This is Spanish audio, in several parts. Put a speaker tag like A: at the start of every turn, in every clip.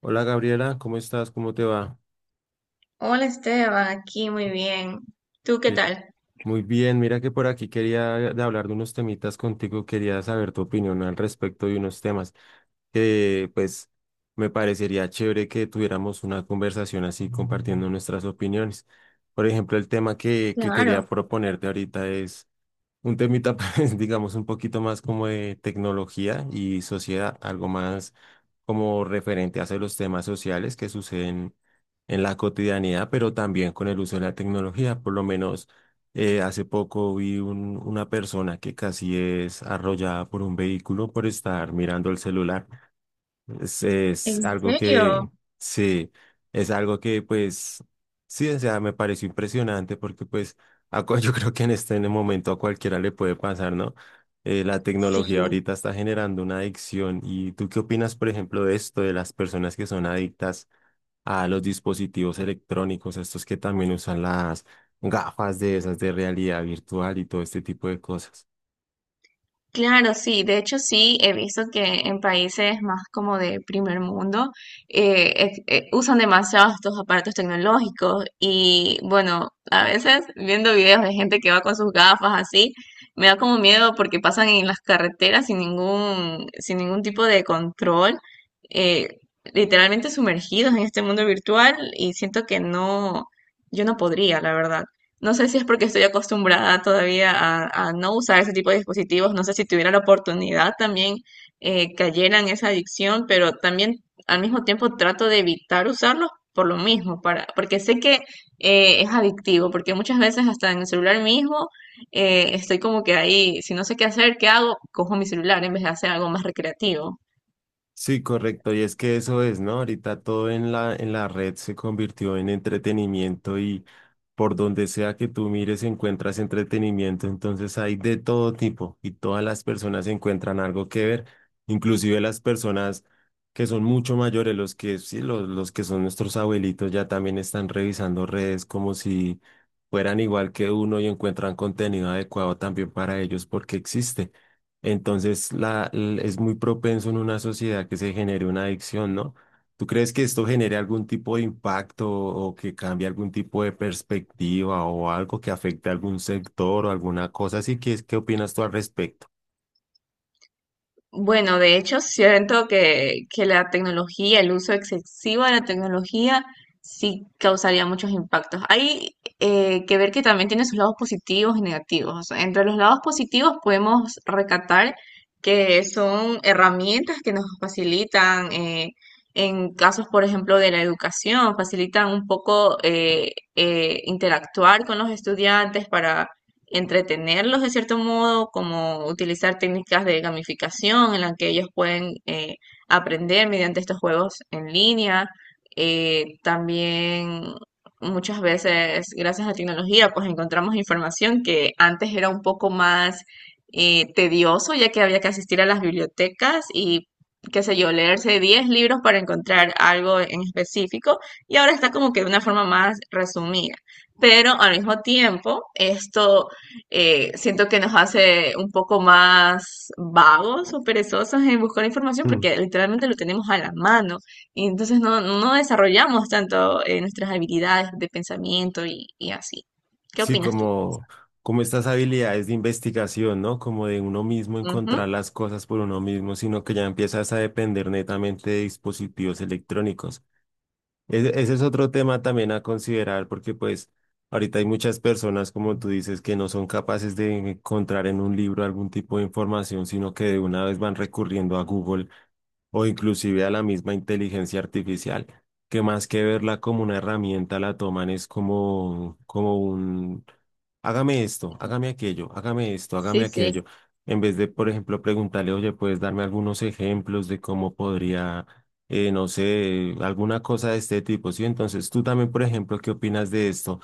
A: Hola Gabriela, ¿cómo estás? ¿Cómo te va?
B: Hola Esteban, aquí muy bien. ¿Tú qué
A: Que-
B: tal?
A: Muy bien, mira que por aquí quería de hablar de unos temitas contigo, quería saber tu opinión al respecto de unos temas que pues me parecería chévere que tuviéramos una conversación así compartiendo nuestras opiniones. Por ejemplo, el tema que
B: Claro,
A: quería proponerte ahorita es un temita, pues, digamos, un poquito más como de tecnología y sociedad, algo más como referente hacia los temas sociales que suceden en la cotidianidad, pero también con el uso de la tecnología. Por lo menos hace poco vi una persona que casi es arrollada por un vehículo por estar mirando el celular. Es,
B: ¿en
A: es algo que,
B: serio?
A: sí, es algo que pues, sí, o sea, me pareció impresionante porque pues yo creo que en el momento a cualquiera le puede pasar, ¿no? La
B: Sí.
A: tecnología ahorita está generando una adicción. ¿Y tú qué opinas, por ejemplo, de esto, de las personas que son adictas a los dispositivos electrónicos, estos que también usan las gafas de esas de realidad virtual y todo este tipo de cosas?
B: Claro, sí, de hecho sí, he visto que en países más como de primer mundo usan demasiado estos aparatos tecnológicos y bueno, a veces viendo videos de gente que va con sus gafas así, me da como miedo porque pasan en las carreteras sin ningún tipo de control, eh, literalmente sumergidos en este mundo virtual y siento que no, yo no podría, la verdad. No sé si es porque estoy acostumbrada todavía a no usar ese tipo de dispositivos. No sé si tuviera la oportunidad también cayera en esa adicción, pero también al mismo tiempo trato de evitar usarlos por lo mismo, porque sé que es adictivo, porque muchas veces hasta en el celular mismo estoy como que ahí, si no sé qué hacer, ¿qué hago? Cojo mi celular en vez de hacer algo más recreativo.
A: Sí, correcto. Y es que eso es, ¿no? Ahorita todo en la red se convirtió en entretenimiento y por donde sea que tú mires encuentras entretenimiento. Entonces hay de todo tipo y todas las personas encuentran algo que ver, inclusive las personas que son mucho mayores, los que sí, los que son nuestros abuelitos ya también están revisando redes como si fueran igual que uno y encuentran contenido adecuado también para ellos porque existe. Entonces es muy propenso en una sociedad que se genere una adicción, ¿no? ¿Tú crees que esto genere algún tipo de impacto o que cambie algún tipo de perspectiva o algo que afecte a algún sector o alguna cosa así? ¿Qué, qué opinas tú al respecto?
B: Bueno, de hecho, siento que la tecnología, el uso excesivo de la tecnología, sí causaría muchos impactos. Hay que ver que también tiene sus lados positivos y negativos. O sea, entre los lados positivos podemos recatar que son herramientas que nos facilitan, en casos, por ejemplo, de la educación, facilitan un poco interactuar con los estudiantes entretenerlos de cierto modo, como utilizar técnicas de gamificación en las que ellos pueden aprender mediante estos juegos en línea. También muchas veces, gracias a la tecnología, pues encontramos información que antes era un poco más tedioso, ya que había que asistir a las bibliotecas y, qué sé yo, leerse 10 libros para encontrar algo en específico, y ahora está como que de una forma más resumida. Pero al mismo tiempo, esto siento que nos hace un poco más vagos o perezosos en buscar información
A: Mm.
B: porque literalmente lo tenemos a la mano y entonces no, no desarrollamos tanto nuestras habilidades de pensamiento y así. ¿Qué
A: Sí,
B: opinas tú?
A: como, como estas habilidades de investigación, ¿no? Como de uno mismo
B: Ujú.
A: encontrar las cosas por uno mismo, sino que ya empiezas a depender netamente de dispositivos electrónicos. Ese es otro tema también a considerar porque pues ahorita hay muchas personas, como tú dices, que no son capaces de encontrar en un libro algún tipo de información, sino que de una vez van recurriendo a Google o inclusive a la misma inteligencia artificial, que más que verla como una herramienta, la toman es como hágame esto, hágame aquello, hágame esto, hágame
B: Sí, sí.
A: aquello, en vez de, por ejemplo, preguntarle, oye, ¿puedes darme algunos ejemplos de cómo podría, no sé, alguna cosa de este tipo? Sí, entonces tú también, por ejemplo, ¿qué opinas de esto?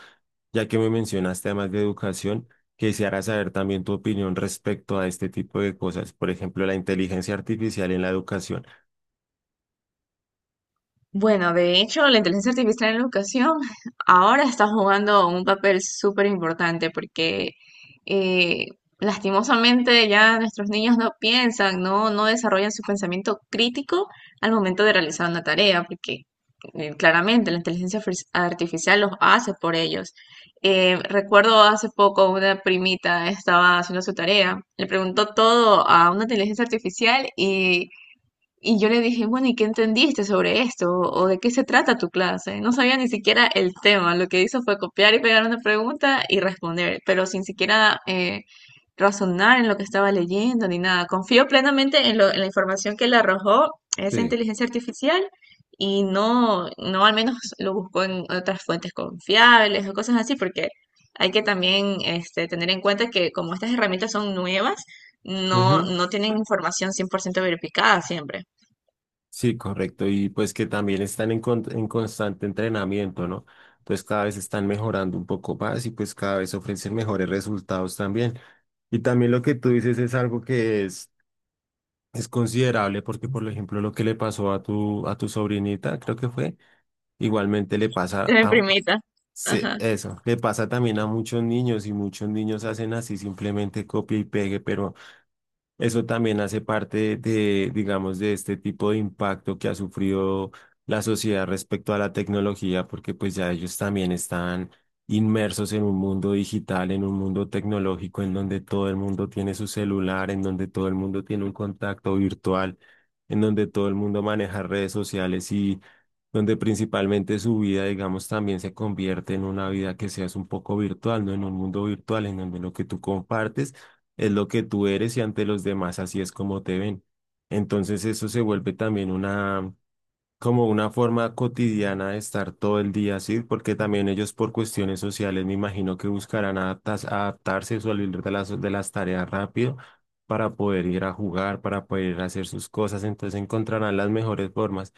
A: Ya que me mencionaste además de educación, quisiera saber también tu opinión respecto a este tipo de cosas, por ejemplo, la inteligencia artificial en la educación.
B: Bueno, de hecho, la inteligencia artificial en la educación ahora está jugando un papel súper importante porque eh, lastimosamente ya nuestros niños no piensan, no desarrollan su pensamiento crítico al momento de realizar una tarea, porque claramente la artificial los hace por ellos. Recuerdo hace poco una primita estaba haciendo su tarea, le preguntó todo a una inteligencia artificial y yo le dije, bueno, ¿y qué entendiste sobre esto? O de qué se trata tu clase? No sabía ni siquiera el tema. Lo que hizo fue copiar y pegar una pregunta y responder, pero sin siquiera razonar en lo que estaba leyendo ni nada. Confío plenamente en la información que le arrojó esa
A: Sí.
B: inteligencia artificial y no, no al menos lo buscó en otras fuentes confiables o cosas así, porque hay que también este, tener en cuenta que como estas herramientas son nuevas, no,
A: Ujú.
B: no tienen información 100% verificada siempre.
A: Sí, correcto. Y pues que también están en constante entrenamiento, ¿no? Entonces cada vez están mejorando un poco más y pues cada vez ofrecen mejores resultados también. Y también lo que tú dices es algo que es considerable porque, por ejemplo, lo que le pasó a tu sobrinita, creo que fue, igualmente le pasa
B: La
A: a...
B: primita.
A: Sí,
B: Ajá.
A: eso, le pasa también a muchos niños y muchos niños hacen así simplemente copia y pegue, pero eso también hace parte de, digamos, de este tipo de impacto que ha sufrido la sociedad respecto a la tecnología, porque pues ya ellos también están inmersos en un mundo digital, en un mundo tecnológico, en donde todo el mundo tiene su celular, en donde todo el mundo tiene un contacto virtual, en donde todo el mundo maneja redes sociales y donde principalmente su vida, digamos, también se convierte en una vida que seas un poco virtual, no en un mundo virtual, en donde lo que tú compartes es lo que tú eres y ante los demás así es como te ven. Entonces eso se vuelve también una, como una forma cotidiana de estar todo el día así, porque también ellos por cuestiones sociales me imagino que buscarán adaptarse o salir de las tareas rápido para poder ir a jugar, para poder ir a hacer sus cosas, entonces encontrarán las mejores formas.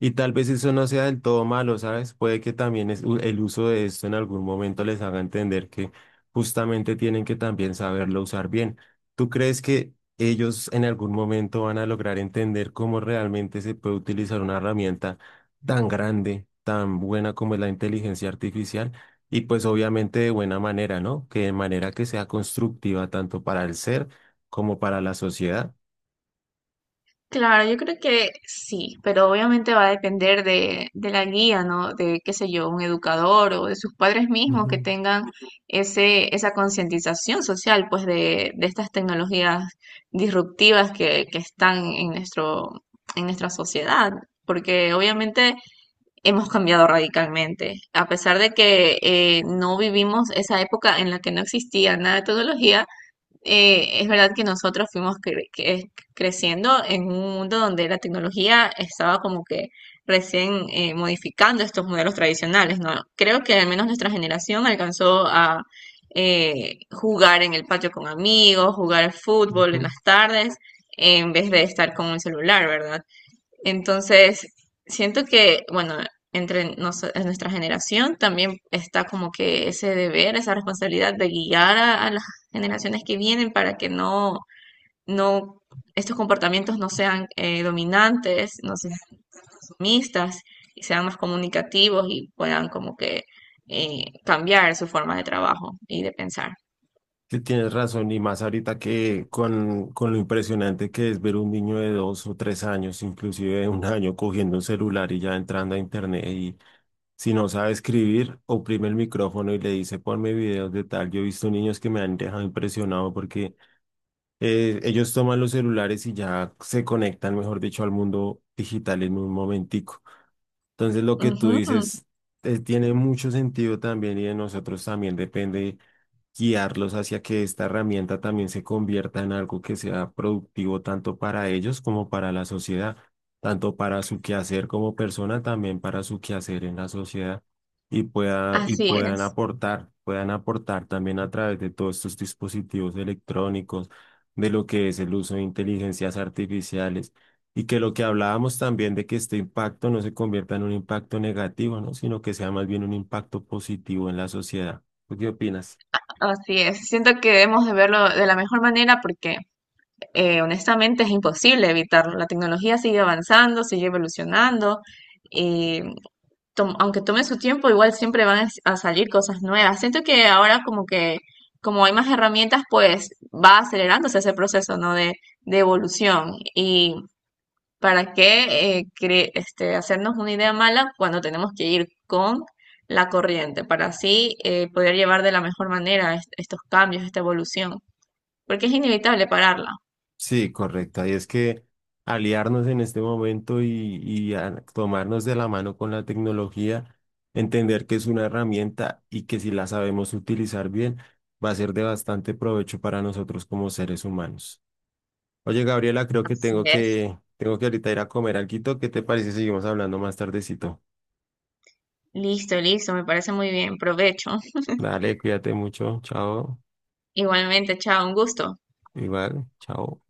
A: Y tal vez eso no sea del todo malo, ¿sabes? Puede que también el uso de esto en algún momento les haga entender que justamente tienen que también saberlo usar bien. ¿Tú crees que ellos en algún momento van a lograr entender cómo realmente se puede utilizar una herramienta tan grande, tan buena como es la inteligencia artificial, y pues obviamente de buena manera, ¿no? Que de manera que sea constructiva tanto para el ser como para la sociedad.
B: Claro, yo creo que sí, pero obviamente va a depender de la guía, ¿no? De, qué sé yo, un educador o de sus padres mismos que
A: Ujú,
B: tengan esa concientización social, pues, de estas tecnologías disruptivas que están en nuestro, en nuestra sociedad, porque obviamente hemos cambiado radicalmente. A pesar de que no vivimos esa época en la que no existía nada de tecnología, es verdad que nosotros creciendo en un mundo donde la tecnología estaba como que recién modificando estos modelos tradicionales, ¿no? Creo que al menos nuestra generación alcanzó a jugar en el patio con amigos, jugar al fútbol en
A: ujú.
B: las tardes, en vez de estar con un celular, ¿verdad? Entonces, siento que, bueno, en nuestra generación también está como que ese deber, esa responsabilidad de guiar a las generaciones que vienen para que no, estos comportamientos no sean dominantes, no sean sumistas y sean más comunicativos y puedan como que cambiar su forma de trabajo y de pensar.
A: Sí, tienes razón, y más ahorita que con lo impresionante que es ver un niño de dos o tres años, inclusive de un año, cogiendo un celular y ya entrando a internet y si no sabe escribir, oprime el micrófono y le dice, ponme videos de tal. Yo he visto niños que me han dejado impresionado porque ellos toman los celulares y ya se conectan, mejor dicho, al mundo digital en un momentico. Entonces, lo que tú
B: Ujú.
A: dices tiene mucho sentido también y de nosotros también depende guiarlos hacia que esta herramienta también se convierta en algo que sea productivo tanto para ellos como para la sociedad, tanto para su quehacer como persona, también para su quehacer en la sociedad y pueda, y
B: Así es,
A: puedan aportar también a través de todos estos dispositivos electrónicos, de lo que es el uso de inteligencias artificiales. Y que lo que hablábamos también de que este impacto no se convierta en un impacto negativo, ¿no? Sino que sea más bien un impacto positivo en la sociedad. ¿Tú qué opinas?
B: así es. Siento que debemos de verlo de la mejor manera porque honestamente es imposible evitarlo. La tecnología sigue avanzando, sigue evolucionando. Y aunque tome su tiempo, igual siempre van a salir cosas nuevas. Siento que ahora como que, como hay más herramientas, pues va acelerándose ese proceso, ¿no? De evolución. Y para qué este, hacernos una idea mala cuando tenemos que ir con la corriente, para así poder llevar de la mejor manera estos cambios, esta evolución, porque es inevitable pararla.
A: Sí, correcta. Y es que aliarnos en este momento y tomarnos de la mano con la tecnología, entender que es una herramienta y que si la sabemos utilizar bien, va a ser de bastante provecho para nosotros como seres humanos. Oye, Gabriela, creo que
B: Así
A: tengo
B: es.
A: que, tengo que ahorita ir a comer alguito. ¿Qué te parece si seguimos hablando más tardecito?
B: Listo, listo, me parece muy bien. Provecho.
A: Dale, cuídate mucho. Chao.
B: Igualmente, chao, un gusto.
A: Igual, chao.